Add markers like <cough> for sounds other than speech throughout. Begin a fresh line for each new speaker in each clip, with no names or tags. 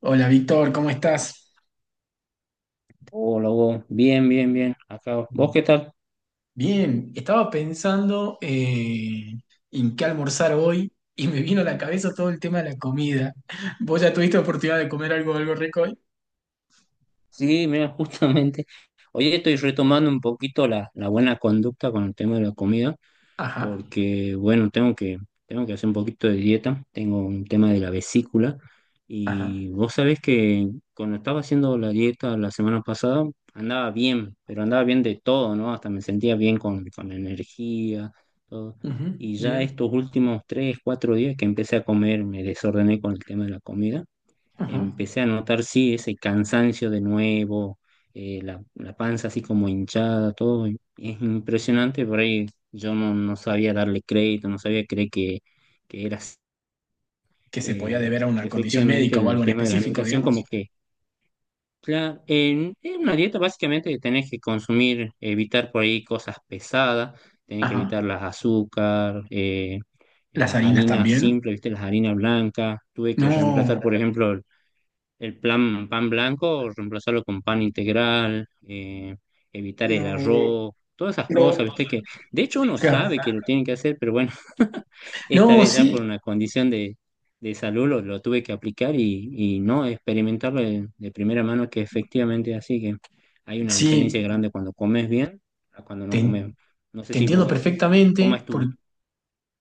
Hola Víctor, ¿cómo estás?
Hola, Hugo. Bien, bien, bien. Acá. ¿Vos qué
Bien.
tal?
Estaba pensando en qué almorzar hoy y me vino a la cabeza todo el tema de la comida. ¿Vos ya tuviste oportunidad de comer algo, algo rico hoy?
Sí, mira, justamente. Hoy estoy retomando un poquito la buena conducta con el tema de la comida,
Ajá,
porque, bueno, tengo que hacer un poquito de dieta. Tengo un tema de la vesícula.
ajá,
Y vos sabés que cuando estaba haciendo la dieta la semana pasada, andaba bien, pero andaba bien de todo, ¿no? Hasta me sentía bien con energía, todo.
ujú,
Y ya
bien,
estos últimos tres, cuatro días que empecé a comer, me desordené con el tema de la comida,
ajá.
empecé a notar, sí, ese cansancio de nuevo, la panza así como hinchada, todo. Y es impresionante, por ahí yo no sabía darle crédito, no sabía creer que era así.
Que se podía deber a una condición
Efectivamente
médica o
el
algo en
tema de la
específico,
alimentación, como
digamos.
que, claro, en una dieta básicamente tenés que consumir, evitar por ahí cosas pesadas, tenés que
Ajá.
evitar las azúcar,
¿Las
las
harinas
harinas
también?
simples, ¿viste? Las harinas blancas. Tuve que
No,
reemplazar, por ejemplo, pan blanco, reemplazarlo con pan integral, evitar el
no,
arroz, todas esas
no.
cosas, ¿viste? Que de hecho uno
Claro.
sabe que lo tiene que hacer, pero bueno, <laughs> esta
No,
vez ya por
sí,
una condición de salud lo tuve que aplicar y no experimentarlo de primera mano, que efectivamente es así, que hay una diferencia
sí,
grande cuando comes bien a cuando no
te,
comes. No sé
te
si
entiendo
vos, ¿cómo
perfectamente
es
Por.
tu...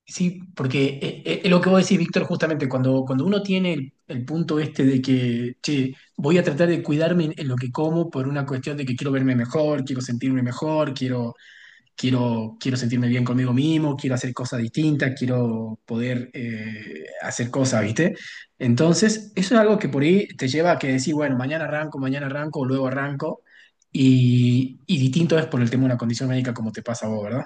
Sí, porque es lo que vos decís, Víctor, justamente cuando uno tiene el punto este de que, che, voy a tratar de cuidarme en lo que como por una cuestión de que quiero verme mejor, quiero sentirme mejor, quiero sentirme bien conmigo mismo, quiero hacer cosas distintas, quiero poder hacer cosas, ¿viste? Entonces, eso es algo que por ahí te lleva a que decís, bueno, mañana arranco, o luego arranco, y distinto es por el tema de una condición médica como te pasa a vos, ¿verdad?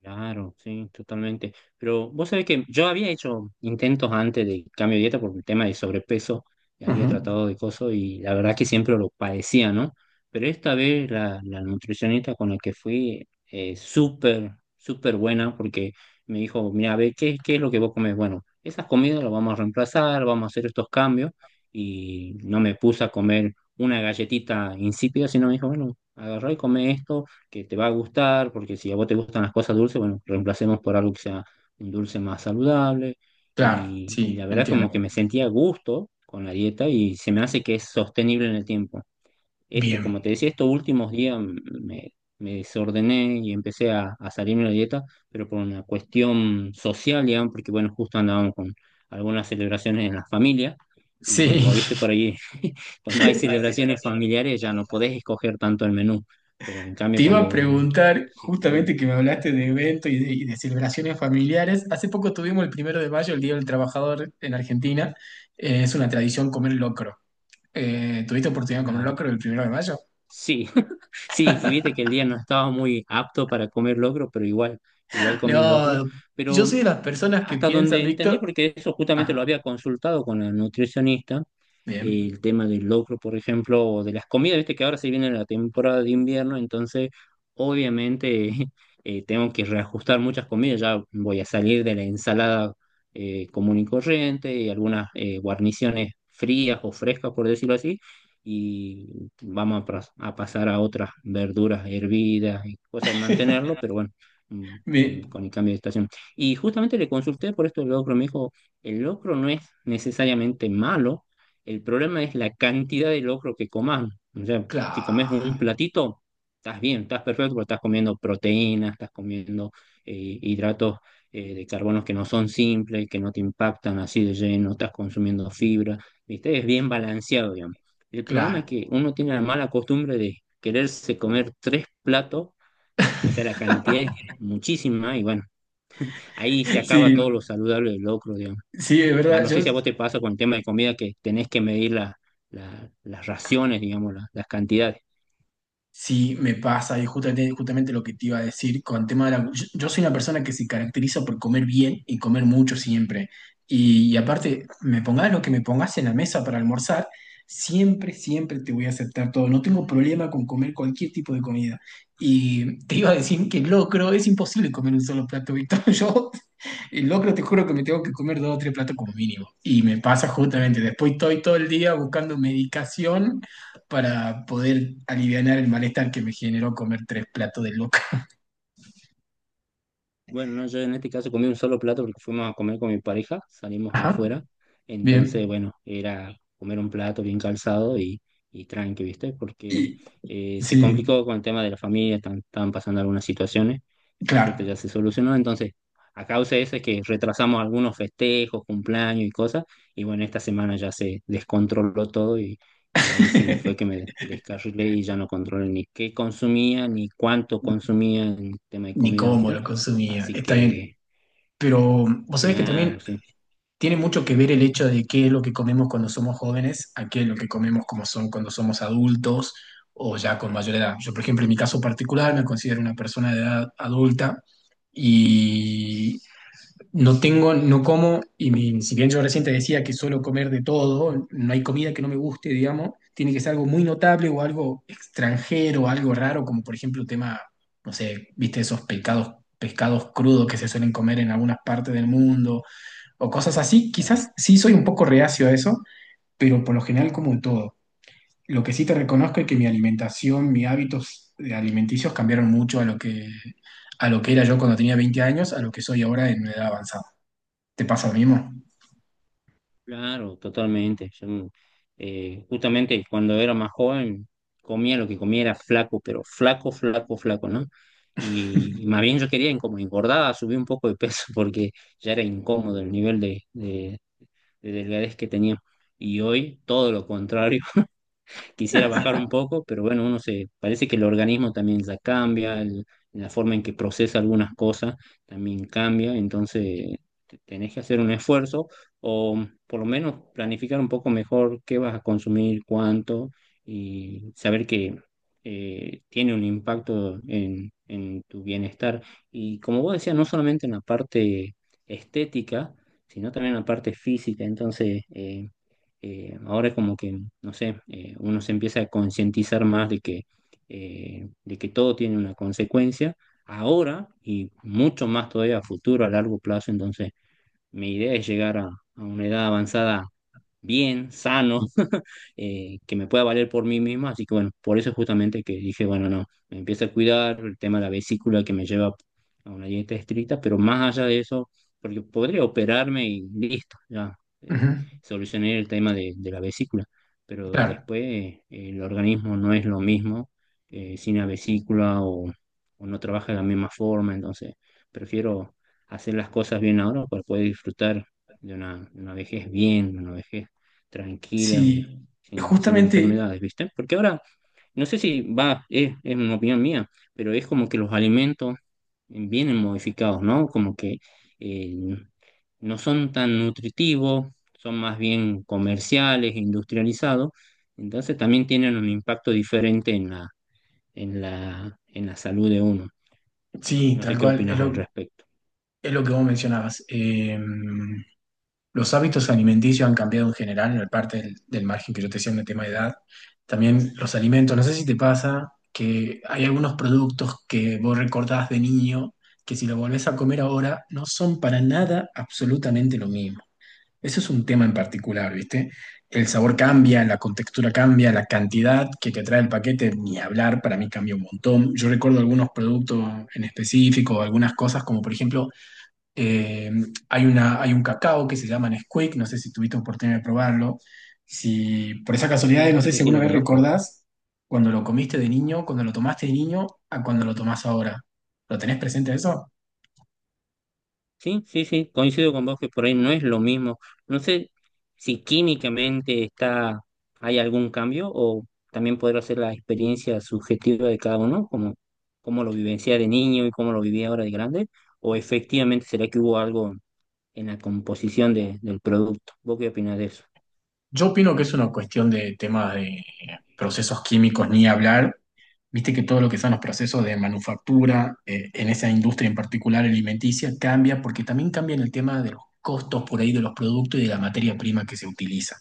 Claro, sí, totalmente. Pero vos sabés que yo había hecho intentos antes de cambio de dieta por el tema de sobrepeso, ya había
Ujú.
tratado de cosas y la verdad que siempre lo padecía, ¿no? Pero esta vez la nutricionista con la que fui, súper, súper buena, porque me dijo, mira, a ver, ¿ qué es lo que vos comés? Bueno, esas comidas las vamos a reemplazar, vamos a hacer estos cambios y no me puse a comer una galletita insípida, sino me dijo, bueno, agarrá y come esto que te va a gustar, porque si a vos te gustan las cosas dulces, bueno, reemplacemos por algo que sea un dulce más saludable.
Claro,
Y
sí,
la verdad
entiendo.
como que me sentía a gusto con la dieta y se me hace que es sostenible en el tiempo. Esto, como
Bien.
te decía, estos últimos días me desordené y empecé a salirme de la dieta, pero por una cuestión social, digamos, porque bueno, justo andábamos con algunas celebraciones en la familia, y bueno,
Sí.
vos viste
<laughs>
por ahí, <laughs> cuando hay celebraciones familiares ya no podés escoger tanto el menú, pero en cambio
Te iba a
cuando
preguntar,
sí,
justamente
estoy,
que me hablaste de eventos y de celebraciones familiares. Hace poco tuvimos el primero de mayo, el Día del Trabajador en Argentina. Es una tradición comer locro. ¿Tuviste oportunidad de comer
claro,
locro el primero de mayo?
sí, <laughs> sí, y viste que el día no estaba muy apto para comer locro, pero igual, igual comí locro,
No, yo soy
pero
de las personas que
hasta
piensan,
donde entendí,
Víctor.
porque eso justamente lo
Ah,
había consultado con la nutricionista,
bien.
el tema del locro, por ejemplo, o de las comidas, viste que ahora se viene la temporada de invierno, entonces obviamente <laughs> tengo que reajustar muchas comidas, ya voy a salir de la ensalada común y corriente y algunas guarniciones frías o frescas, por decirlo así, y vamos a, a pasar a otras verduras hervidas y cosas de mantenerlo, pero bueno,
Me-
con el cambio de estación. Y justamente le consulté por esto del locro. Me dijo, el locro no es necesariamente malo, el problema es la cantidad de locro que comas. O sea, si comes un
claro,
platito, estás bien, estás perfecto, porque estás comiendo proteínas, estás comiendo hidratos de carbonos que no son simples, que no te impactan así de lleno, estás consumiendo fibra, ¿viste? Es bien balanceado, digamos. El problema es
claro.
que uno tiene la mala costumbre de quererse comer tres platos, o sea, la cantidad es muchísima y bueno, ahí se acaba
Sí,
todo lo saludable del locro, digamos.
sí, es
Va,
verdad.
no
Yo
sé si a vos te pasa con el tema de comida que tenés que medir las raciones, digamos, las cantidades.
sí, me pasa, y justamente, justamente lo que te iba a decir con tema de la... Yo soy una persona que se caracteriza por comer bien y comer mucho siempre. Y aparte, me pongas lo que me pongas en la mesa para almorzar, siempre, siempre te voy a aceptar todo. No tengo problema con comer cualquier tipo de comida. Y te iba a decir que locro, es imposible comer un solo plato, Víctor. <laughs> Yo el locro te juro que me tengo que comer dos o tres platos como mínimo. Y me pasa justamente, después estoy todo el día buscando medicación para poder aliviar el malestar que me generó comer tres platos de locro.
Bueno, no, yo en este caso comí un solo plato porque fuimos a comer con mi pareja, salimos
Ajá,
afuera, entonces,
bien.
bueno, era comer un plato bien calzado y tranqui, ¿viste? Porque
Y
se
sí,
complicó con el tema de la familia, estaban pasando algunas situaciones, por suerte
claro.
ya se solucionó, entonces, a causa de eso es que retrasamos algunos festejos, cumpleaños y cosas, y bueno, esta semana ya se descontroló todo y ahí sí fue que
<laughs>
me descarrilé y ya no controlé ni qué consumía, ni cuánto consumía en tema de
Ni
comida,
cómo
¿viste?
lo consumía,
Así
está bien.
que,
Pero vos sabés que también
claro, sí,
tiene mucho que ver el hecho de qué es lo que comemos cuando somos jóvenes a qué es lo que comemos como son cuando somos adultos o ya con mayor edad. Yo, por ejemplo, en mi caso particular me considero una persona de edad adulta y no como, y mi- si bien yo recién te decía que suelo comer de todo, no hay comida que no me guste, digamos, tiene que ser algo muy notable o algo extranjero, algo raro, como por ejemplo tema, no sé, viste esos pecados, pescados crudos que se suelen comer en algunas partes del mundo o cosas así.
claro,
Quizás sí soy un poco reacio a eso, pero por lo general como todo. Lo que sí te reconozco es que mi alimentación, mis hábitos de alimenticios cambiaron mucho a lo que era yo cuando tenía 20 años, a lo que soy ahora en una edad avanzada. ¿Te pasa lo mismo?
claro, totalmente. Yo, justamente cuando era más joven, comía lo que comía, era flaco, pero flaco, flaco, flaco, ¿no? Y más bien yo quería, como engordaba, subir un poco de peso <laughs> porque ya era incómodo el nivel de delgadez que tenía. Y hoy todo lo contrario, quisiera bajar un poco, pero bueno, uno se, parece que el organismo también ya cambia, la forma en que procesa algunas cosas también cambia, entonces tenés que hacer un esfuerzo o por lo menos planificar un poco mejor qué vas a consumir, cuánto, y saber que tiene un impacto en tu bienestar. Y como vos decías, no solamente en la parte estética, sino también en la parte física. Entonces, ahora como que, no sé, uno se empieza a concientizar más de que todo tiene una consecuencia, ahora y mucho más todavía a futuro, a largo plazo. Entonces, mi idea es llegar a una edad avanzada bien, sano, que me pueda valer por mí misma. Así que bueno, por eso justamente que dije, bueno, no, me empiezo a cuidar el tema de la vesícula que me lleva a una dieta estricta, pero más allá de eso, porque podría operarme y listo, ya
Ujú.
eh, solucioné el tema de la vesícula, pero
Claro.
después el organismo no es lo mismo sin la vesícula o no trabaja de la misma forma, entonces prefiero hacer las cosas bien ahora para poder disfrutar de una vejez bien, de una vejez tranquila y,
Sí,
sin, sin
justamente,
enfermedades, ¿viste? Porque ahora, no sé si va, es una opinión mía, pero es como que los alimentos vienen modificados, ¿no? Como que eh, no son tan nutritivos, son más bien comerciales, industrializados, entonces también tienen un impacto diferente en la, en la, en la salud de uno.
sí,
No sé
tal
qué
cual,
opinas al respecto.
es lo que vos mencionabas. Los hábitos alimenticios han cambiado en general, en la parte del margen que yo te decía en el tema de edad. También los alimentos, no sé si te pasa que hay algunos productos que vos recordás de niño que si lo volvés a comer ahora no son para nada absolutamente lo mismo. Eso es un tema en particular, ¿viste? El sabor cambia, la contextura cambia, la cantidad que te trae el paquete, ni hablar, para mí cambia un montón. Yo recuerdo algunos productos en específico, algunas cosas, como por ejemplo eh, hay un cacao que se llama Nesquik, no sé si tuviste oportunidad de probarlo. Si por esa casualidad,
Sí,
no sé
sí,
si
sí,
alguna
lo
vez
conozco.
recordás cuando lo comiste de niño, cuando lo tomaste de niño, a cuando lo tomás ahora. ¿Lo tenés presente eso?
Sí, sí, sí, coincido con vos que por ahí no es lo mismo. No sé si químicamente está, hay algún cambio, o también podrá ser la experiencia subjetiva de cada uno, como cómo lo vivencia de niño y cómo lo vivía ahora de grande, o efectivamente será que hubo algo en la composición del producto. ¿Vos qué opinás de eso?
Yo opino que es una cuestión de temas de procesos químicos, ni hablar. Viste que todo lo que son los procesos de manufactura, en esa industria en particular alimenticia, cambia porque también cambian el tema de los costos por ahí de los productos y de la materia prima que se utiliza.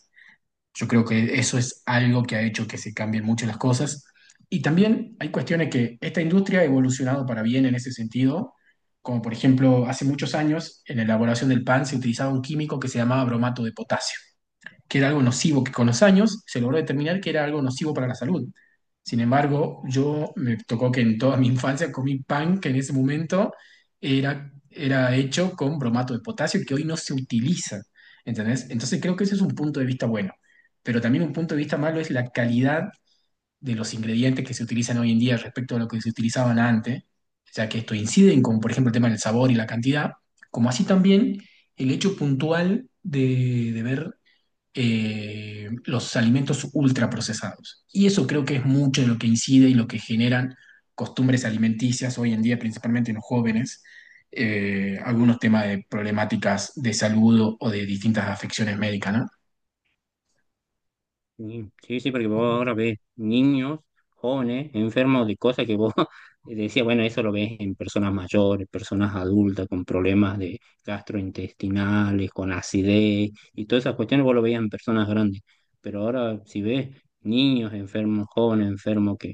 Yo creo que eso es algo que ha hecho que se cambien muchas las cosas. Y también hay cuestiones que esta industria ha evolucionado para bien en ese sentido, como por ejemplo, hace muchos años en la elaboración del pan se utilizaba un químico que se llamaba bromato de potasio que era algo nocivo, que con los años se logró determinar que era algo nocivo para la salud. Sin embargo, yo me tocó que en toda mi infancia comí pan que en ese momento era hecho con bromato de potasio que hoy no se utiliza. ¿Entendés? Entonces creo que ese es un punto de vista bueno. Pero también un punto de vista malo es la calidad de los ingredientes que se utilizan hoy en día respecto a lo que se utilizaban antes, ya que esto inciden con, por ejemplo, el tema del sabor y la cantidad, como así también el hecho puntual de ver los alimentos ultraprocesados. Y eso creo que es mucho de lo que incide y lo que generan costumbres alimenticias hoy en día, principalmente en los jóvenes, algunos temas de problemáticas de salud o de distintas afecciones médicas, ¿no?
Sí, sí, sí, porque vos ahora ves niños, jóvenes, enfermos de cosas que vos <laughs> decías, bueno, eso lo ves en personas mayores, personas adultas con problemas de gastrointestinales, con acidez y todas esas cuestiones vos lo veías en personas grandes. Pero ahora si ves niños enfermos, jóvenes enfermos, que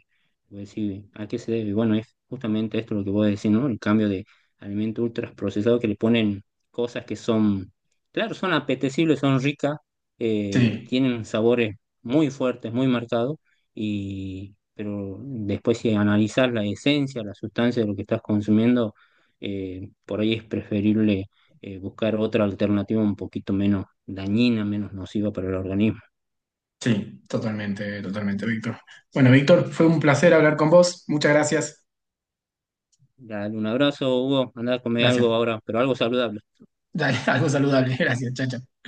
vos decís, ¿a qué se debe? Y bueno, es justamente esto lo que vos decís, ¿no? El cambio de alimentos ultraprocesados, que le ponen cosas que son, claro, son apetecibles, son ricas,
Sí,
tienen sabores muy fuerte, muy marcado, y, pero después si analizas la esencia, la sustancia de lo que estás consumiendo, por ahí es preferible buscar otra alternativa un poquito menos dañina, menos nociva para el organismo.
sí, totalmente, totalmente, Víctor. Bueno, Víctor, fue un placer hablar con vos. Muchas gracias.
Dale un abrazo, Hugo, andá a comer
Gracias.
algo ahora, pero algo saludable.
Dale, <laughs> algo saludable. Gracias. Chao, chao.